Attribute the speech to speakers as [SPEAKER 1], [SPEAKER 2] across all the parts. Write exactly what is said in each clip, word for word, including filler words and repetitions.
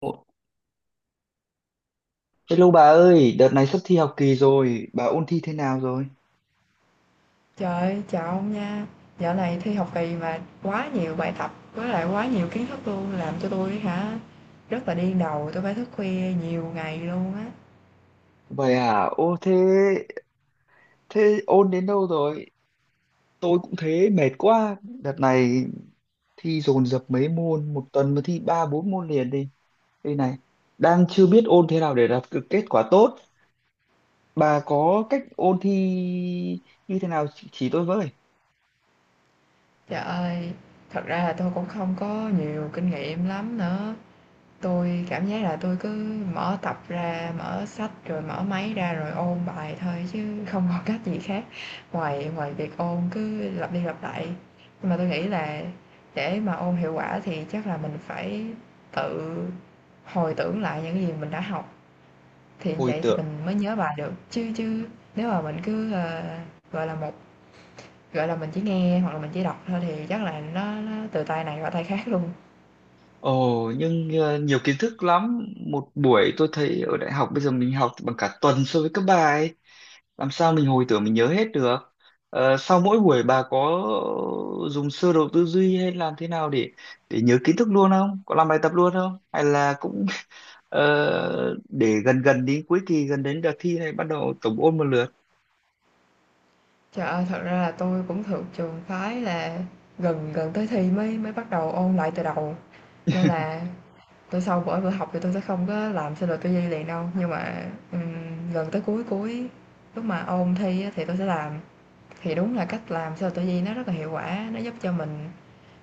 [SPEAKER 1] Ồ, hello bà ơi, đợt này sắp thi học kỳ rồi, bà ôn thi thế nào rồi?
[SPEAKER 2] Trời chào ông nha. Dạo này thi học kỳ mà quá nhiều bài tập, với lại quá nhiều kiến thức luôn, làm cho tôi hả, rất là điên đầu, tôi phải thức khuya nhiều ngày luôn á.
[SPEAKER 1] Vậy à, ô thế, thế ôn đến đâu rồi? Tôi cũng thế, mệt quá. Đợt này thi dồn dập mấy môn, một tuần mà thi ba bốn môn liền đi. Đây này, đang chưa biết ôn thế nào để đạt được kết quả tốt. Bà có cách ôn thi như thế nào, chỉ chỉ tôi với.
[SPEAKER 2] Trời ơi, thật ra là tôi cũng không có nhiều kinh nghiệm lắm nữa, tôi cảm giác là tôi cứ mở tập ra, mở sách rồi mở máy ra rồi ôn bài thôi chứ không có cách gì khác ngoài ngoài việc ôn cứ lặp đi lặp lại. Nhưng mà tôi nghĩ là để mà ôn hiệu quả thì chắc là mình phải tự hồi tưởng lại những gì mình đã học thì như
[SPEAKER 1] Hồi
[SPEAKER 2] vậy thì
[SPEAKER 1] tưởng.
[SPEAKER 2] mình mới nhớ bài được. Chứ chứ nếu mà mình cứ ờ, gọi là một gọi là mình chỉ nghe hoặc là mình chỉ đọc thôi thì chắc là nó, nó từ tay này qua tay khác luôn.
[SPEAKER 1] Ồ, nhưng ờ, nhiều kiến thức lắm. Một buổi tôi thấy ở đại học bây giờ mình học bằng cả tuần so với các bà ấy. Làm sao mình hồi tưởng mình nhớ hết được? Ờ, sau mỗi buổi bà có dùng sơ đồ tư duy hay làm thế nào để để nhớ kiến thức luôn, không có làm bài tập luôn không, hay là cũng ờ, để gần gần đến cuối kỳ, gần đến đợt thi này bắt đầu tổng ôn một lượt?
[SPEAKER 2] Trời ơi, thật ra là tôi cũng thuộc trường phái là gần gần tới thi mới mới bắt đầu ôn lại từ đầu, nên là tôi sau mỗi bữa học thì tôi sẽ không có làm xê lờ tê vê liền đâu, nhưng mà, ừm, gần tới cuối cuối lúc mà ôn thi á thì tôi sẽ làm. Thì đúng là cách làm xê lờ tê vê nó rất là hiệu quả, nó giúp cho mình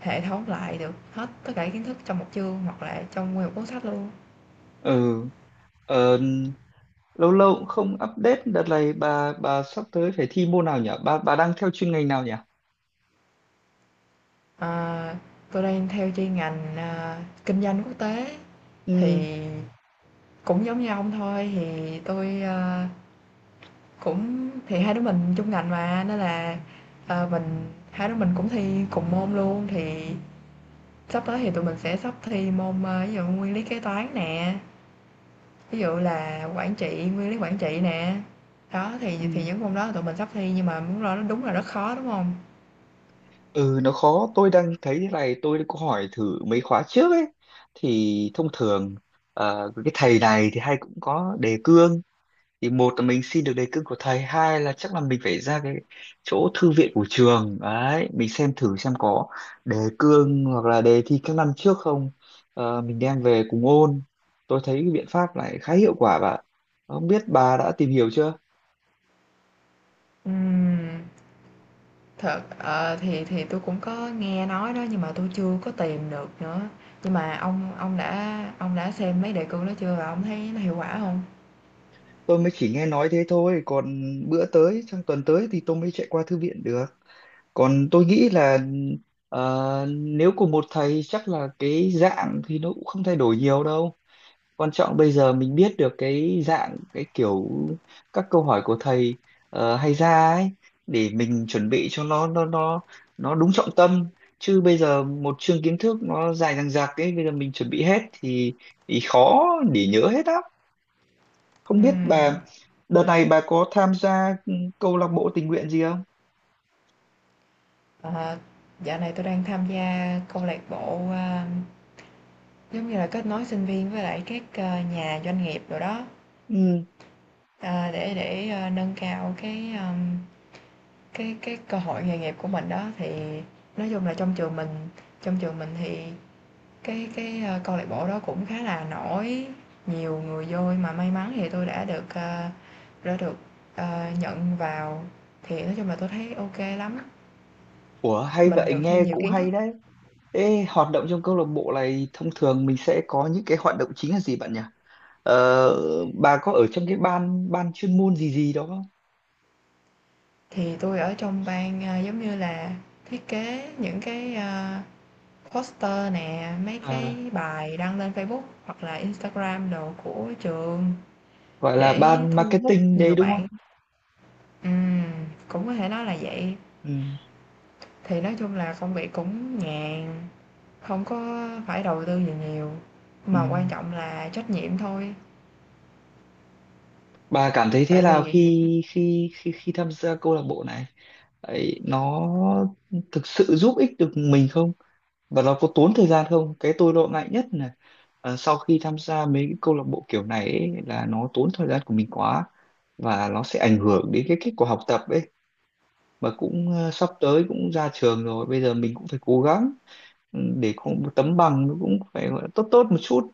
[SPEAKER 2] hệ thống lại được hết tất cả kiến thức trong một chương hoặc là trong nguyên một cuốn sách luôn.
[SPEAKER 1] Ừ. ờ, Lâu lâu cũng không update. Đợt này bà bà sắp tới phải thi môn nào nhỉ? Bà bà đang theo chuyên ngành nào nhỉ?
[SPEAKER 2] Ờ, tui đang theo chuyên ngành, à, kinh doanh quốc tế
[SPEAKER 1] Ừ,
[SPEAKER 2] thì cũng giống như ông thôi, thì tôi ơ, cũng thì hai đứa mình chung ngành mà, nên là, ờ, mình hai đứa mình cũng thi cùng môn luôn, thì sắp tới thì tụi mình sẽ sắp thi môn, ơ, ví dụ nguyên lý kế toán nè, ví dụ là quản trị, nguyên lý quản trị nè. Đó, thì
[SPEAKER 1] ừ.
[SPEAKER 2] thì những môn đó tụi mình sắp thi nhưng mà muốn lo nó đúng là rất khó, đúng không?
[SPEAKER 1] Ừ, nó khó. Tôi đang thấy thế này, tôi có hỏi thử mấy khóa trước ấy, thì thông thường ờ, cái thầy này thì hay cũng có đề cương, thì một là mình xin được đề cương của thầy, hai là chắc là mình phải ra cái chỗ thư viện của trường đấy, mình xem thử xem có đề cương hoặc là đề thi các năm trước không. Ờ, mình đem về cùng ôn. Tôi thấy cái biện pháp này khá hiệu quả bạn, không biết bà đã tìm hiểu chưa.
[SPEAKER 2] Ừm. Thật, ờ, thì thì tôi cũng có nghe nói đó, nhưng mà tôi chưa có tìm được nữa. Nhưng mà ông ông đã ông đã xem mấy đề cương đó chưa và ông thấy nó hiệu quả không?
[SPEAKER 1] Tôi mới chỉ nghe nói thế thôi, còn bữa tới sang tuần tới thì tôi mới chạy qua thư viện được. Còn tôi nghĩ là ờ, nếu cùng một thầy chắc là cái dạng thì nó cũng không thay đổi nhiều đâu. Quan trọng bây giờ mình biết được cái dạng, cái kiểu các câu hỏi của thầy ờ, hay ra ấy, để mình chuẩn bị cho nó nó nó nó đúng trọng tâm. Chứ bây giờ một chương kiến thức nó dài dằng dặc ấy, bây giờ mình chuẩn bị hết thì thì khó để nhớ hết á. Không biết
[SPEAKER 2] Ừm,
[SPEAKER 1] bà đợt này bà có tham gia ừ, câu lạc bộ tình nguyện gì không?
[SPEAKER 2] ờ, dạo này tôi đang tham gia câu lạc bộ, a, giống như là kết nối sinh viên với lại các, ờ, nhà doanh nghiệp rồi đó,
[SPEAKER 1] Ừ.
[SPEAKER 2] ờ, để để, ơ, nâng cao cái, ờm, cái cái cơ hội nghề nghiệp của mình đó. Thì nói chung là trong trường mình trong trường mình thì Cái cái, a, câu lạc bộ đó cũng khá là nổi, nhiều người vô mà may mắn thì tôi đã được, a, đã được, ờ, nhận vào, thì nói chung là tôi thấy ok lắm.
[SPEAKER 1] Ủa, hay
[SPEAKER 2] Mình
[SPEAKER 1] vậy,
[SPEAKER 2] được thêm
[SPEAKER 1] nghe
[SPEAKER 2] nhiều
[SPEAKER 1] cũng
[SPEAKER 2] kiến
[SPEAKER 1] hay
[SPEAKER 2] thức,
[SPEAKER 1] đấy. Ê, hoạt động trong câu lạc bộ này thông thường mình sẽ có những cái hoạt động chính là gì bạn nhỉ? Ờ, bà có ở trong cái ban ban chuyên môn gì gì đó không?
[SPEAKER 2] thì tôi ở trong ban, a, giống như là thiết kế những cái, a, poster nè, mấy
[SPEAKER 1] À,
[SPEAKER 2] cái bài đăng lên Facebook hoặc là Instagram đồ của trường
[SPEAKER 1] gọi là
[SPEAKER 2] để
[SPEAKER 1] ban
[SPEAKER 2] thu hút
[SPEAKER 1] marketing đấy
[SPEAKER 2] nhiều
[SPEAKER 1] đúng không?
[SPEAKER 2] bạn. ừm, Cũng có thể nói là vậy.
[SPEAKER 1] Ừ,
[SPEAKER 2] Thì nói chung là công việc cũng nhàn, không có phải đầu tư gì nhiều,
[SPEAKER 1] ừ.
[SPEAKER 2] mà quan trọng là trách nhiệm thôi.
[SPEAKER 1] Bà cảm thấy thế
[SPEAKER 2] Tại
[SPEAKER 1] nào
[SPEAKER 2] vì
[SPEAKER 1] khi khi khi khi tham gia câu lạc bộ này? Ấy, nó thực sự giúp ích được mình không? Và nó có tốn thời gian không? Cái tôi lo ngại nhất là ờ, sau khi tham gia mấy cái câu lạc bộ kiểu này ấy, là nó tốn thời gian của mình quá và nó sẽ ảnh hưởng đến cái kết quả học tập ấy. Mà cũng ờ, sắp tới cũng ra trường rồi, bây giờ mình cũng phải cố gắng ừ, để có một tấm bằng nó cũng phải gọi là tốt tốt một chút.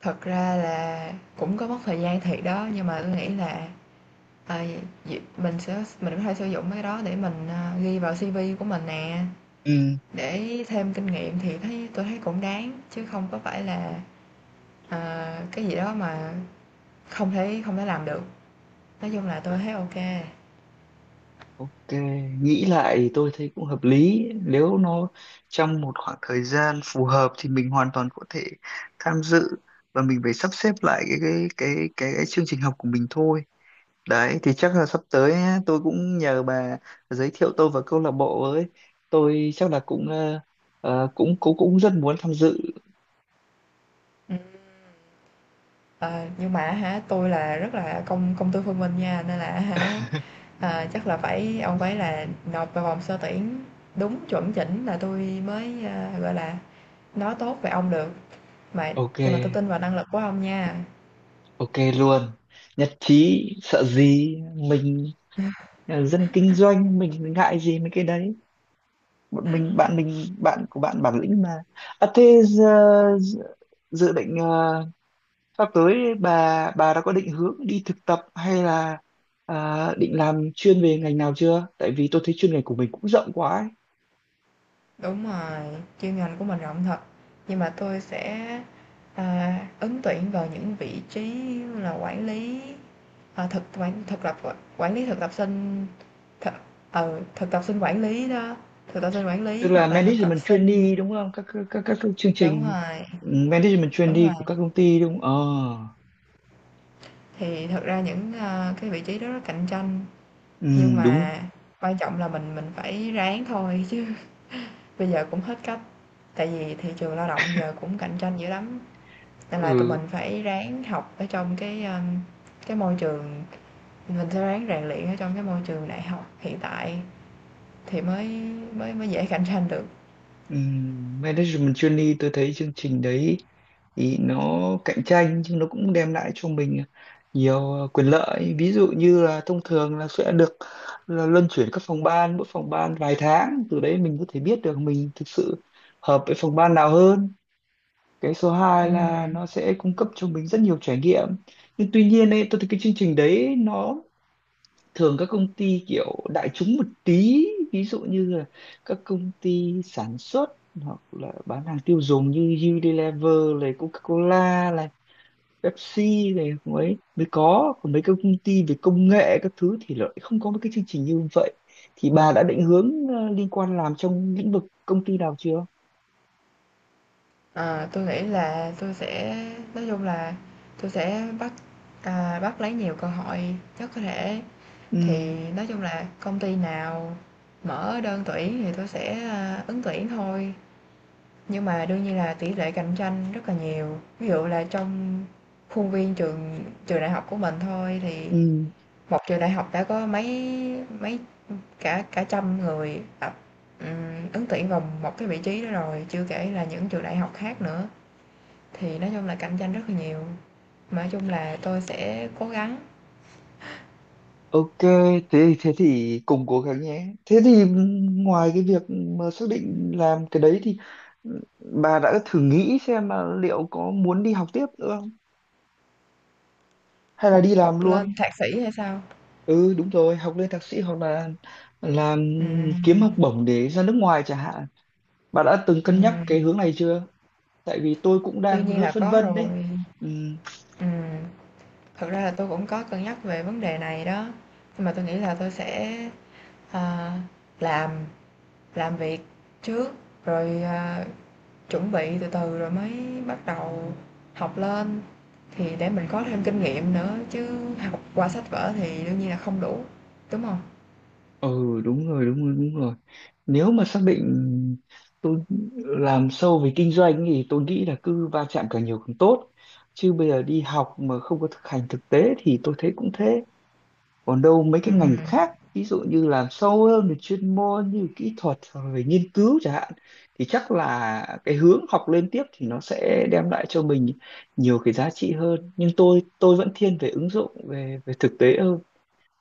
[SPEAKER 2] thật ra là cũng có mất thời gian thiệt đó, nhưng mà tôi nghĩ là, ờ, việc mình sẽ mình có thể sử dụng cái đó để mình, ờ, ghi vào si vi của mình nè,
[SPEAKER 1] Ừ.
[SPEAKER 2] để thêm kinh nghiệm thì thấy tôi thấy cũng đáng, chứ không có phải là, ờ, cái gì đó mà không thể không thể làm được. Nói chung là tôi thấy ok kê.
[SPEAKER 1] Ok, nghĩ lại thì tôi thấy cũng hợp lý. Nếu nó trong một khoảng thời gian phù hợp thì mình hoàn toàn có thể tham dự, và mình phải sắp xếp lại cái cái cái cái, cái chương trình học của mình thôi. Đấy thì chắc là sắp tới á, tôi cũng nhờ bà giới thiệu tôi vào câu lạc bộ với. Tôi chắc là cũng ờ, ờ, cũng cũng cũng rất muốn tham dự.
[SPEAKER 2] ờ, nhưng mà hả, tôi là rất là công công tư phân minh nha, nên là hả, ờ, chắc là phải ông phải là nộp vào vòng sơ tuyển đúng chuẩn chỉnh là tôi mới, a, gọi là, nói tốt về ông được. Mà
[SPEAKER 1] Ok,
[SPEAKER 2] nhưng mà tôi tin vào năng lực của ông nha.
[SPEAKER 1] ok luôn. Nhất trí, sợ gì mình ờ, dân kinh doanh mình ngại gì mấy cái đấy. Bọn mình bạn mình bạn của bạn bản lĩnh mà. À thế giờ, dự dự định ờ, sắp tới bà bà đã có định hướng đi thực tập hay là ờ, định làm chuyên về ngành nào chưa? Tại vì tôi thấy chuyên ngành của mình cũng rộng quá ấy.
[SPEAKER 2] Đúng rồi, chuyên ngành của mình rộng thật, nhưng mà tôi sẽ, à, ứng tuyển vào những vị trí như là quản lý, ờ, thực quản thực lập quản lý thực tập sinh, thực ừ, thực tập sinh quản lý đó, thực tập sinh quản
[SPEAKER 1] Tức
[SPEAKER 2] lý
[SPEAKER 1] là
[SPEAKER 2] hoặc là thực tập
[SPEAKER 1] management
[SPEAKER 2] sinh.
[SPEAKER 1] trainee đúng không, các các các, các, các chương
[SPEAKER 2] Đúng
[SPEAKER 1] trình.
[SPEAKER 2] rồi,
[SPEAKER 1] Ừ, management
[SPEAKER 2] đúng
[SPEAKER 1] trainee
[SPEAKER 2] rồi.
[SPEAKER 1] của các công ty đúng không ờ
[SPEAKER 2] Thì thật ra những, ơ, cái vị trí đó rất cạnh tranh,
[SPEAKER 1] ừ,
[SPEAKER 2] nhưng
[SPEAKER 1] đúng.
[SPEAKER 2] mà quan trọng là mình mình phải ráng thôi chứ bây giờ cũng hết cách. Tại vì thị trường lao động giờ cũng cạnh tranh dữ lắm, nên là tụi
[SPEAKER 1] Ừ,
[SPEAKER 2] mình phải ráng học ở trong cái, ơ, cái môi trường mình sẽ ráng rèn luyện ở trong cái môi trường đại học hiện tại thì mới mới mới dễ cạnh tranh được.
[SPEAKER 1] ừ, management trainee tôi thấy chương trình đấy thì nó cạnh tranh, nhưng nó cũng đem lại cho mình nhiều ờ, quyền lợi. Ví dụ như là thông thường là sẽ được là luân chuyển các phòng ban, mỗi phòng ban vài tháng, từ đấy mình có thể biết được mình thực sự hợp với phòng ban nào hơn. Cái số hai là
[SPEAKER 2] Ừm,
[SPEAKER 1] nó sẽ cung cấp cho mình rất nhiều trải nghiệm. Nhưng tuy nhiên ấy, tôi thấy cái chương trình đấy nó thường các công ty kiểu đại chúng một tí. Ví dụ như là các công ty sản xuất hoặc là bán hàng tiêu dùng như Unilever này, Coca-Cola này, Pepsi này mới mới có. Còn mấy cái công ty về công nghệ các thứ thì lại không có mấy cái chương trình như vậy. Thì bà đã định hướng ờ, liên quan làm trong lĩnh vực công ty nào chưa?
[SPEAKER 2] ờ, Tui nghĩ là tôi sẽ nói chung là tôi sẽ bắt, à, bắt lấy nhiều cơ hội nhất có thể.
[SPEAKER 1] Ừ.
[SPEAKER 2] Thì nói chung là công ty nào mở đơn tuyển thì tôi sẽ, à, ứng tuyển thôi, nhưng mà đương nhiên là tỷ lệ cạnh tranh rất là nhiều. Ví dụ là trong khuôn viên trường trường đại học của mình thôi thì
[SPEAKER 1] Ừ.
[SPEAKER 2] một trường đại học đã có mấy mấy cả cả trăm người tập, ừm, ứng tuyển vào một cái vị trí đó rồi, chưa kể là những trường đại học khác nữa. Thì nói chung là cạnh tranh rất là nhiều, mà nói chung là tôi sẽ cố gắng
[SPEAKER 1] Ok, thế thế thì cùng cố gắng nhé. Thế thì ngoài cái việc mà xác định làm cái đấy thì ừ, bà đã thử nghĩ xem là liệu có muốn đi học tiếp nữa không? Hay là
[SPEAKER 2] học,
[SPEAKER 1] đi làm
[SPEAKER 2] học lên
[SPEAKER 1] luôn?
[SPEAKER 2] thạc sĩ hay sao.
[SPEAKER 1] Ừ đúng rồi, học lên thạc sĩ hoặc là làm kiếm học
[SPEAKER 2] Ừm,
[SPEAKER 1] bổng để ra nước ngoài chẳng hạn. Bà đã từng cân nhắc cái
[SPEAKER 2] ừm.
[SPEAKER 1] hướng này chưa? Tại vì tôi cũng
[SPEAKER 2] Đương
[SPEAKER 1] đang
[SPEAKER 2] nhiên
[SPEAKER 1] hơi
[SPEAKER 2] là
[SPEAKER 1] phân
[SPEAKER 2] có
[SPEAKER 1] vân đấy.
[SPEAKER 2] rồi,
[SPEAKER 1] Ừ.
[SPEAKER 2] ừm, thật ra là tôi cũng có cân nhắc về vấn đề này đó, nhưng mà tôi nghĩ là tôi sẽ, ờ, làm làm việc trước, rồi, à, chuẩn bị từ từ rồi mới bắt đầu học lên, thì để mình có thêm kinh nghiệm nữa, chứ học qua sách vở thì đương nhiên là không đủ, đúng không?
[SPEAKER 1] Ừ đúng rồi, đúng rồi, đúng rồi. Nếu mà xác định tôi làm sâu về kinh doanh thì tôi nghĩ là cứ va chạm càng nhiều càng tốt. Chứ bây giờ đi học mà không có thực hành thực tế thì tôi thấy cũng thế. Còn đâu mấy cái ngành
[SPEAKER 2] Ừm,
[SPEAKER 1] khác, ví dụ như làm sâu hơn về chuyên môn như kỹ thuật hoặc là về nghiên cứu chẳng hạn, thì chắc là cái hướng học lên tiếp thì nó sẽ đem lại cho mình nhiều cái giá trị hơn. Nhưng tôi tôi vẫn thiên về ứng dụng, về về thực tế hơn.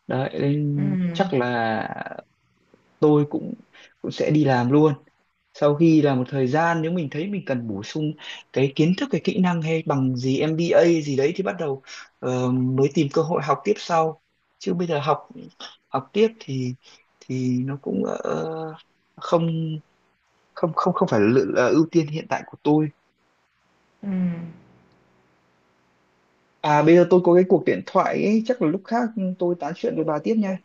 [SPEAKER 1] Đấy nên chắc
[SPEAKER 2] ừm,
[SPEAKER 1] là tôi cũng cũng sẽ đi làm luôn. Sau khi là một thời gian nếu mình thấy mình cần bổ sung cái kiến thức, cái kỹ năng hay bằng gì em bê a gì đấy thì bắt đầu ờ, mới tìm cơ hội học tiếp sau. Chứ bây giờ học học tiếp thì thì nó cũng ờ, không không không không phải là, là ưu tiên hiện tại của tôi.
[SPEAKER 2] ừm,
[SPEAKER 1] À bây giờ tôi có cái cuộc điện thoại ấy, chắc là lúc khác tôi tán chuyện với bà tiếp nha.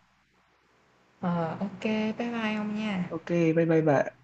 [SPEAKER 2] ờ, Ô, bye bye ông nha.
[SPEAKER 1] Ok, bye bye bà.